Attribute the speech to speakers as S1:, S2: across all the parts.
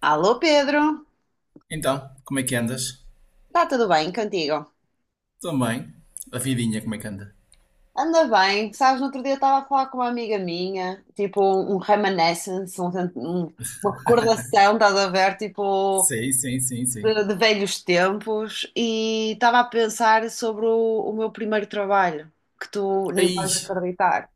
S1: Alô Pedro,
S2: Então, como é que andas?
S1: está tudo bem contigo?
S2: Também. A vidinha, como é que anda?
S1: Anda bem, sabes, no outro dia estava a falar com uma amiga minha, tipo um reminiscence, um- uma recordação, estás a ver, tipo
S2: Sim, sim, sim, sim.
S1: de velhos tempos e estava a pensar sobre o meu primeiro trabalho, que tu nem
S2: Aí,
S1: vais acreditar.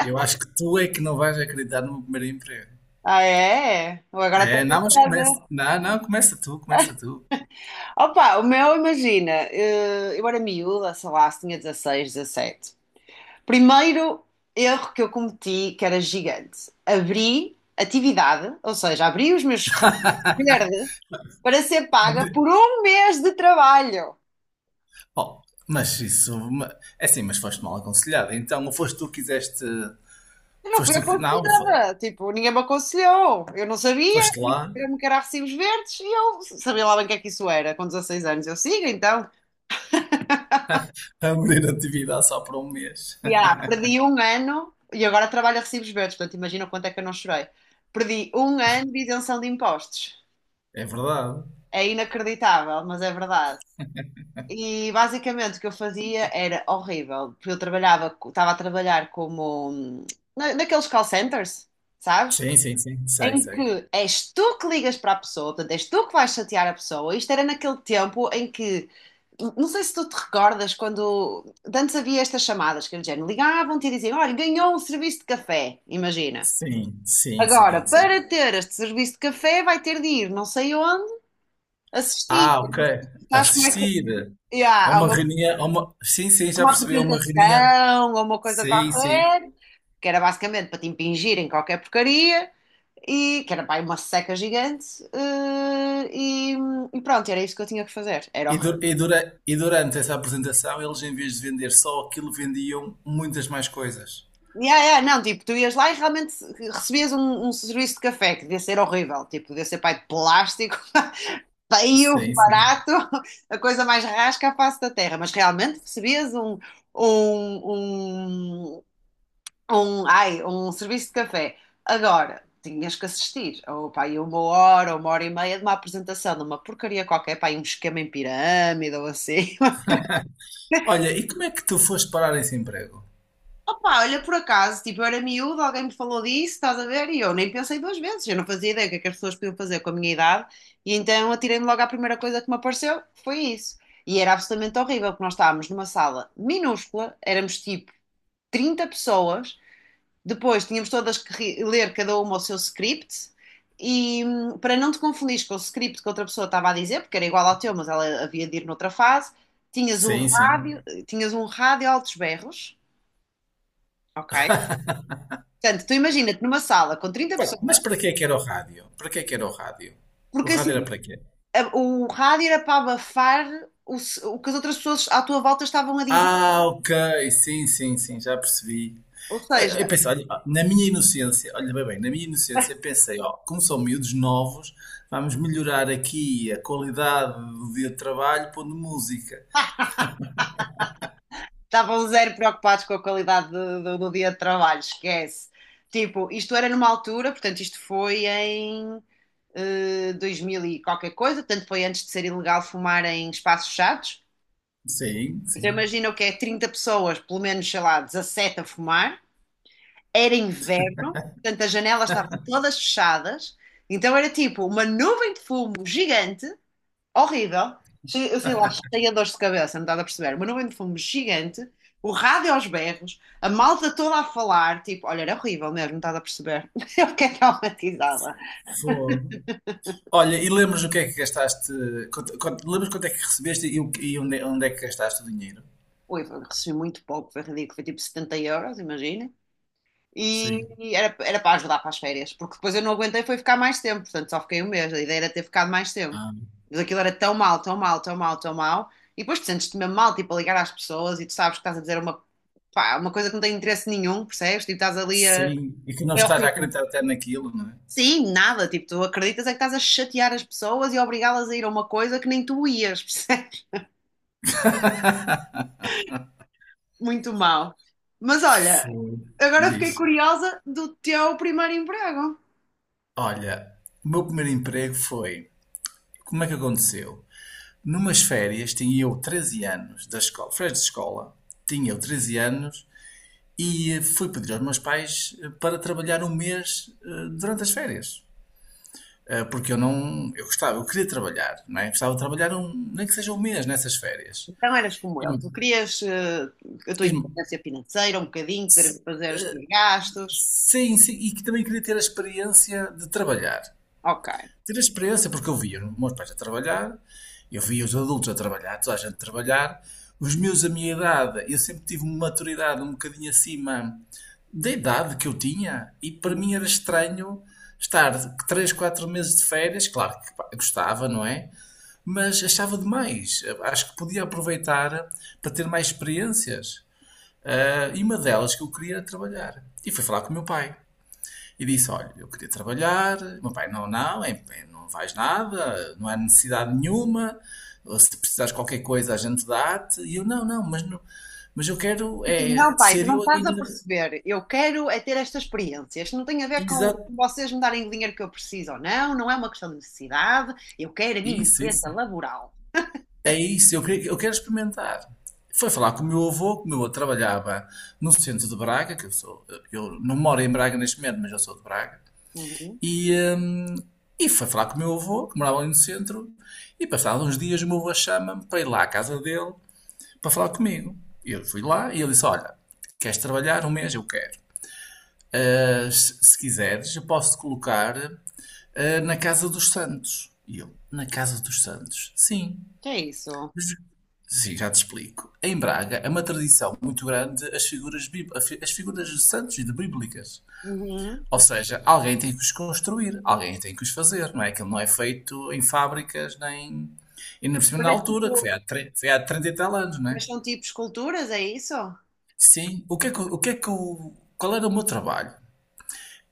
S2: eu acho que tu é que não vais acreditar no meu primeiro emprego.
S1: Ah é? Eu agora estou
S2: É, não, mas começa.
S1: curiosa.
S2: Não, não, começa tu, começa tu.
S1: Opa, o meu, imagina, eu era miúda, sei lá, se tinha 16, 17. Primeiro erro que eu cometi, que era gigante. Abri atividade, ou seja, abri os meus verdes para ser paga por um mês de trabalho.
S2: Oh, mas isso. É assim, mas foste mal aconselhado. Então, ou foste tu que quiseste.
S1: Eu não fui
S2: Foste tu que. Não,
S1: aconselhada, tipo, ninguém me aconselhou. Eu não sabia,
S2: foste lá
S1: eu me queria recibos verdes e eu sabia lá bem o que é que isso era. Com 16 anos eu sigo, então,
S2: a abrir atividade só para um mês.
S1: e, perdi um ano e agora trabalho a recibos verdes, portanto, imagina o quanto é que eu não chorei. Perdi um ano de isenção de impostos.
S2: É verdade.
S1: É inacreditável, mas é verdade. E basicamente o que eu fazia era horrível, porque eu trabalhava, estava a trabalhar como naqueles call centers, sabes?
S2: Sim, sim, sim. Sei,
S1: Em
S2: sei.
S1: que és tu que ligas para a pessoa, portanto, és tu que vais chatear a pessoa. Isto era naquele tempo em que, não sei se tu te recordas, quando de antes havia estas chamadas, que era do género, ligavam-te e diziam, olha, ganhou um serviço de café, imagina.
S2: Sim, sim,
S1: Agora,
S2: sim, sim.
S1: para ter este serviço de café, vai ter de ir não sei onde, assistir.
S2: Ah, ok.
S1: Sabes como é que.
S2: Assistir a
S1: Yeah, há
S2: uma
S1: uma
S2: reunião, a uma, sim, sim, já
S1: uma
S2: percebi, a uma reunião.
S1: apresentação ou uma coisa
S2: Sim, sim.
S1: qualquer, que era basicamente para te impingirem qualquer porcaria, e que era pá, uma seca gigante, eh, e, e pronto, era isso que eu tinha que fazer. Era
S2: E, du-
S1: horrível.
S2: e dura- e durante essa apresentação, eles, em vez de vender só aquilo, vendiam muitas mais coisas.
S1: Yeah, yeah, não, tipo, tu ias lá e realmente recebias um, um serviço de café que devia ser horrível, tipo, devia ser pá, de plástico, feio,
S2: Sim, sim.
S1: barato, a coisa mais rasca à face da terra, mas realmente recebias um, um, um serviço de café. Agora, tinhas que assistir ou pá, aí uma hora ou uma hora e meia de uma apresentação de uma porcaria qualquer, pá, aí um esquema em pirâmide ou assim.
S2: Olha, e como é que tu foste parar esse emprego?
S1: Opa, olha, por acaso, tipo, eu era miúdo, alguém me falou disso, estás a ver? E eu nem pensei duas vezes, eu não fazia ideia o que é que as pessoas podiam fazer com a minha idade, e então atirei-me logo à primeira coisa que me apareceu, foi isso. E era absolutamente horrível, porque nós estávamos numa sala minúscula, éramos tipo 30 pessoas. Depois tínhamos todas que ler cada uma o seu script e para não te confundir com o script que outra pessoa estava a dizer, porque era igual ao teu, mas ela havia de ir noutra fase, tinhas um
S2: Sim, sim.
S1: tinhas um rádio a altos berros, ok? Portanto, tu imagina-te numa sala com 30
S2: Mas
S1: pessoas,
S2: para que é que era o rádio? Para que é que era o rádio? O
S1: porque
S2: rádio era
S1: assim,
S2: para quê?
S1: o rádio era para abafar o que as outras pessoas à tua volta estavam a dizer,
S2: Ah, ok, sim, sim, sim, já percebi.
S1: ou
S2: Eu
S1: seja,
S2: pensei, olha, na minha inocência, olha bem, na minha inocência pensei, ó, como são miúdos novos, vamos melhorar aqui a qualidade do dia de trabalho pondo música.
S1: estavam zero preocupados com a qualidade do dia de trabalho, esquece. Tipo, isto era numa altura, portanto, isto foi em 2000 e qualquer coisa, portanto, foi antes de ser ilegal fumar em espaços fechados.
S2: Sim,
S1: Então,
S2: sim.
S1: imagina o que é 30 pessoas, pelo menos, sei lá, 17 a fumar. Era inverno, portanto, as janelas estavam todas fechadas. Então, era tipo uma nuvem de fumo gigante. Horrível. Eu sei lá, cheia de dores de cabeça, não estás a perceber? Uma nuvem de fumo gigante, o rádio aos berros, a malta toda a falar, tipo, olha, era horrível mesmo, não estás a perceber? Eu fiquei traumatizada.
S2: Fogo. Olha, e lembras o que é que gastaste? Lembras quanto é que recebeste e onde é que gastaste o dinheiro?
S1: Ui, recebi muito pouco, foi ridículo, foi tipo 70 euros, imagina. E
S2: Sim.
S1: era para ajudar para as férias, porque depois eu não aguentei, foi ficar mais tempo, portanto só fiquei um mês. A ideia era ter ficado mais tempo.
S2: Ah,
S1: Mas aquilo era tão mal, tão mal, tão mal, tão mal. E depois tu sentes-te mesmo mal, tipo, a ligar às pessoas e tu sabes que estás a dizer pá, uma coisa que não tem interesse nenhum, percebes? Tipo, estás ali a.
S2: sim. E que não
S1: É
S2: estás a
S1: horrível.
S2: acreditar até naquilo, não é?
S1: Sim, nada, tipo, tu acreditas é que estás a chatear as pessoas e a obrigá-las a ir a uma coisa que nem tu ias, percebes? Muito mal. Mas olha,
S2: Foi.
S1: agora fiquei
S2: Diz.
S1: curiosa do teu primeiro emprego.
S2: Olha, o meu primeiro emprego foi. Como é que aconteceu? Numas férias, tinha eu 13 anos, da escola, férias de escola, tinha eu 13 anos e fui pedir aos meus pais para trabalhar um mês durante as férias. Porque eu não, eu gostava, eu queria trabalhar, não é? Gostava de trabalhar um, nem que seja um mês nessas férias.
S1: Então eras como
S2: E,
S1: eu, tu querias a tua
S2: e-
S1: independência financeira, um bocadinho, poder fazer os teus gastos.
S2: sim, sim, e que também queria ter a experiência de trabalhar.
S1: Ok.
S2: Tive a experiência porque eu via os meus pais a trabalhar, eu via os adultos a trabalhar, toda a gente a trabalhar, os meus a minha idade, eu sempre tive uma maturidade um bocadinho acima da idade que eu tinha e para mim era estranho estar 3 4 meses de férias, claro que pá, gostava, não é? Mas achava demais, acho que podia aproveitar para ter mais experiências. Ah, e uma delas que eu queria era trabalhar. E fui falar com o meu pai. E disse: olha, eu queria trabalhar. Meu pai: não, não, é, não vais nada, não há necessidade nenhuma. Se precisares de qualquer coisa, a gente dá-te. E eu: não, não, mas, não, mas eu quero
S1: E tu,
S2: é,
S1: não, pai, tu
S2: ser
S1: não
S2: eu a
S1: estás a
S2: ganhar.
S1: perceber. Eu quero é ter esta experiência. Isto não tem a ver com
S2: Exato,
S1: vocês me darem o dinheiro que eu preciso ou não, não é uma questão de necessidade. Eu quero a minha
S2: isso,
S1: experiência
S2: isso.
S1: laboral.
S2: É isso, eu quero experimentar. Foi falar com o meu avô, que o meu avô trabalhava no centro de Braga, que eu sou, eu não moro em Braga neste momento, mas eu sou de Braga.
S1: Uhum.
S2: E, hum, e foi falar com o meu avô, que morava ali no centro, e passados uns dias o meu avô chama-me para ir lá à casa dele para falar comigo. E eu fui lá e ele disse: olha, queres trabalhar um mês? Eu quero. Ah, se quiseres, eu posso te colocar na Casa dos Santos. E eu: na Casa dos Santos? Sim.
S1: Que é isso?
S2: Mas- Sim, já te explico. Em Braga é uma tradição muito grande as figuras, as figuras de santos e de bíblicas.
S1: Uhum.
S2: Ou seja, alguém tem que os construir, alguém tem que os fazer, não é? Aquilo não é feito em fábricas nem. E na cima
S1: Mas
S2: na
S1: é
S2: altura, que foi
S1: tipo,
S2: há, tre- foi há 30 e tal anos, não é?
S1: mas são tipo esculturas, é isso?
S2: Sim. O que é que, o que é que o- Qual era o meu trabalho?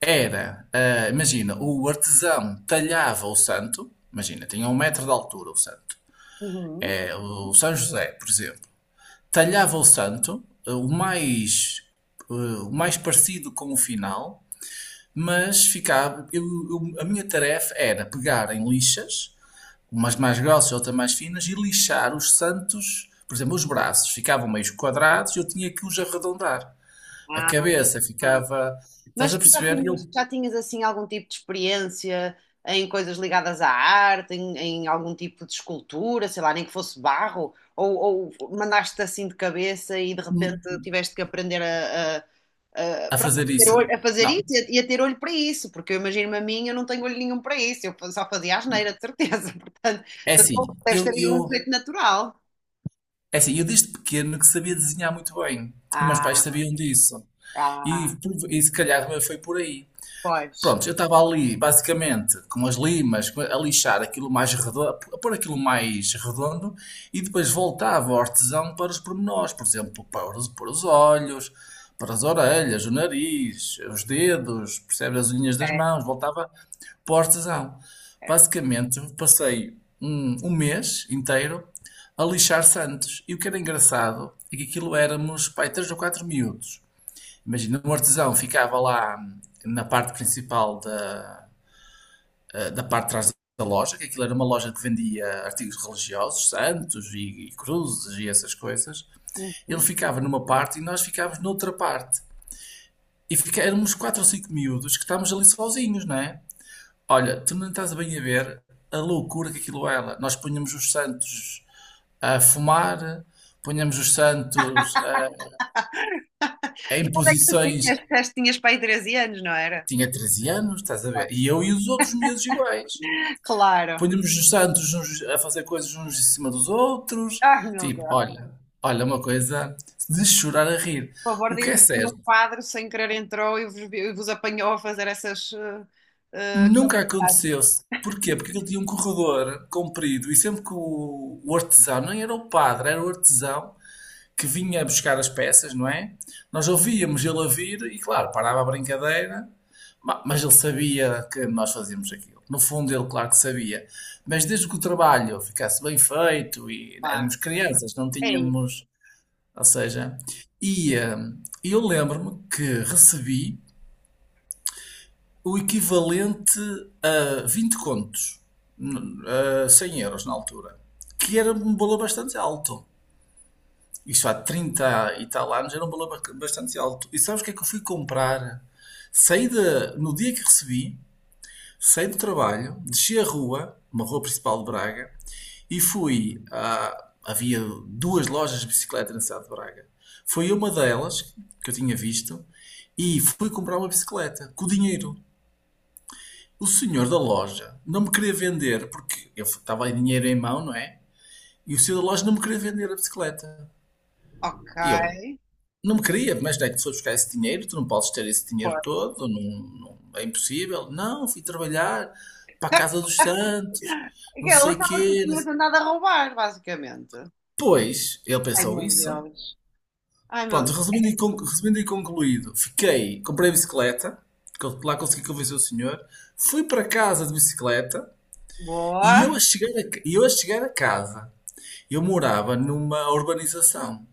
S2: Era, imagina, o artesão talhava o santo, imagina, tinha um metro de altura o santo.
S1: Uhum.
S2: É, o São José, por exemplo, talhava o santo, ah, o mais parecido com o final, mas ficava. A minha tarefa era pegar em lixas, umas mais grossas e outras mais finas, e lixar os santos. Por exemplo, os braços ficavam meio quadrados e eu tinha que os arredondar. A cabeça
S1: Ah.
S2: ficava.
S1: Mas
S2: Estás a
S1: tu já
S2: perceber?
S1: tinhas,
S2: Eu
S1: já tinhas, assim algum tipo de experiência em coisas ligadas à arte, em algum tipo de escultura, sei lá, nem que fosse barro, ou mandaste assim de cabeça e de repente
S2: hum,
S1: tiveste que aprender
S2: a
S1: pronto,
S2: fazer
S1: a ter
S2: isso.
S1: a fazer
S2: Não,
S1: isso e a ter olho para isso, porque eu imagino-me a mim, eu não tenho olho nenhum para isso, eu só fazia asneira, de certeza, portanto,
S2: é
S1: portanto,
S2: assim.
S1: deves ter aí um jeito natural.
S2: É assim, eu desde pequeno que sabia desenhar muito bem. E meus pais
S1: Ah,
S2: sabiam disso.
S1: ah,
S2: E se calhar foi por aí.
S1: pois.
S2: Pronto, eu estava ali, basicamente, com as limas, a lixar aquilo mais redondo, a pôr aquilo mais redondo e depois voltava ao artesão para os pormenores, por exemplo, para os, olhos, para as orelhas, o nariz, os dedos, percebe as unhas das
S1: É.
S2: mãos, voltava para o artesão. Basicamente, passei um mês inteiro a lixar santos. E o que era engraçado é que aquilo éramos, pai, três ou quatro miúdos. Imagina, um artesão ficava lá na parte principal da parte de trás da loja, que aquilo era uma loja que vendia artigos religiosos, santos e cruzes e essas coisas. Ele
S1: Uhum.
S2: ficava numa parte e nós ficávamos noutra parte. E fica, éramos quatro ou cinco miúdos que estávamos ali sozinhos, não é? Olha, tu não estás bem a ver a loucura que aquilo era. Nós punhamos os santos a fumar, punhamos os santos a,
S1: Que
S2: em
S1: idade é que tu
S2: posições.
S1: tinhas? Disseste que tinhas pai 13 anos, não era?
S2: Tinha 13 anos, estás a
S1: Vai.
S2: ver? E eu e os outros miúdos iguais.
S1: Claro.
S2: Punhamos os santos uns a fazer coisas uns em cima dos outros.
S1: Ai, meu
S2: Tipo,
S1: Deus.
S2: olha, uma coisa de chorar a rir.
S1: Por favor,
S2: O que é
S1: diz-me que
S2: certo,
S1: nenhum padre sem querer entrou e vos apanhou a fazer essas. Eh,
S2: nunca aconteceu-se. Porquê? Porque ele tinha um corredor comprido e sempre que o artesão, nem era o padre, era o artesão, que vinha buscar as peças, não é? Nós ouvíamos ele a vir e, claro, parava a brincadeira, mas ele sabia que nós fazíamos aquilo. No fundo, ele, claro que sabia. Mas desde que o trabalho ficasse bem feito e
S1: Claro.
S2: éramos crianças, não
S1: É isso.
S2: tínhamos. Ou seja, eu lembro-me que recebi o equivalente a 20 contos, n- a 100 euros na altura, que era um valor bastante alto. Isso há 30 e tal anos, era um valor bastante alto. E sabes o que é que eu fui comprar? Saí da, no dia que recebi, saí do trabalho, desci a rua, uma rua principal de Braga, e fui a, havia duas lojas de bicicleta na cidade de Braga. Foi uma delas que eu tinha visto e fui comprar uma bicicleta com o dinheiro. O senhor da loja não me queria vender porque eu estava em dinheiro em mão, não é? E o senhor da loja não me queria vender a bicicleta. E eu,
S1: Ok.
S2: não me queria, mas daí tu foi buscar esse dinheiro, tu não podes ter esse dinheiro
S1: Pô.
S2: todo, não, é impossível. Não, fui trabalhar para a Casa dos Santos, não
S1: Ele
S2: sei o
S1: achava que
S2: quê. Não
S1: tinha
S2: sei-
S1: tentado a roubar, basicamente.
S2: Pois, ele
S1: Ai,
S2: pensou
S1: meu
S2: isso.
S1: Deus. Ai, meu
S2: Pronto,
S1: Deus.
S2: resumindo e concluído, fiquei, comprei a bicicleta, lá consegui convencer o senhor, fui para casa de bicicleta e eu a
S1: Boa.
S2: chegar a, ca- e eu a chegar a casa, eu morava numa urbanização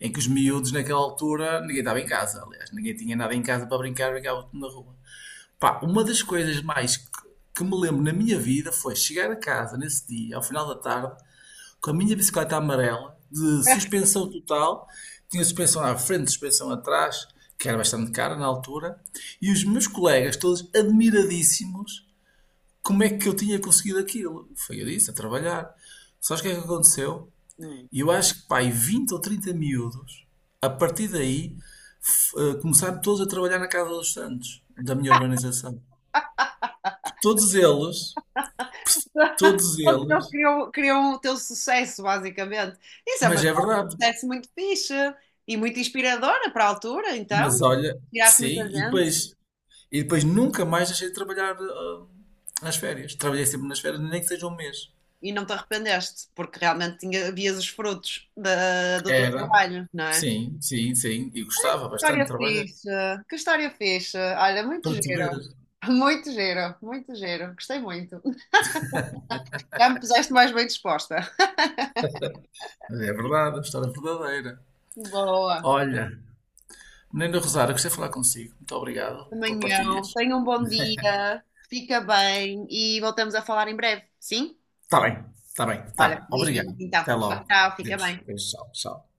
S2: em que os miúdos naquela altura ninguém estava em casa, aliás, ninguém tinha nada em casa para brincar, brincava tudo na rua. Pá, uma das coisas mais que me lembro na minha vida foi chegar a casa nesse dia, ao final da tarde, com a minha bicicleta amarela, de suspensão total, tinha suspensão à frente, suspensão atrás, que era bastante cara na altura, e os meus colegas todos admiradíssimos como é que eu tinha conseguido aquilo. Foi eu disse, a trabalhar. Sabes o que é que aconteceu?
S1: Hum.
S2: E eu acho que, pai, 20 ou 30 miúdos, a partir daí, começaram todos a trabalhar na Casa dos Santos, da minha urbanização. Todos eles, todos
S1: Todos eles
S2: eles,
S1: queriam, queriam o teu sucesso, basicamente. Isso é uma
S2: mas é verdade.
S1: sucesso muito fixe e muito inspiradora para a altura, então.
S2: Mas olha,
S1: Tiraste muita
S2: sim, e
S1: gente,
S2: depois, e depois nunca mais deixei de trabalhar nas férias. Trabalhei sempre nas férias, nem que seja um mês.
S1: e não te arrependeste, porque realmente tinha, vias os frutos do teu
S2: Era,
S1: trabalho, não é? Que
S2: sim, sim, sim, e gostava bastante de
S1: história
S2: trabalhar.
S1: fixe, que história fixe. Olha, muito
S2: Para tu ver,
S1: giro, muito giro, muito giro. Gostei muito. Já me puseste mais bem disposta.
S2: é verdade, a história é verdadeira.
S1: Boa.
S2: Olha, Nena Rosário, gostei de falar consigo. Muito obrigado por
S1: Amanhã,
S2: partilhas.
S1: tenha um bom dia, fica bem e voltamos a falar em breve, sim?
S2: Está bem, está bem,
S1: Olha,
S2: está.
S1: beijinhos
S2: Obrigado.
S1: então.
S2: Até
S1: Tchau,
S2: logo.
S1: tchau, fica
S2: Deus,
S1: bem.
S2: Deus, tchau, tchau.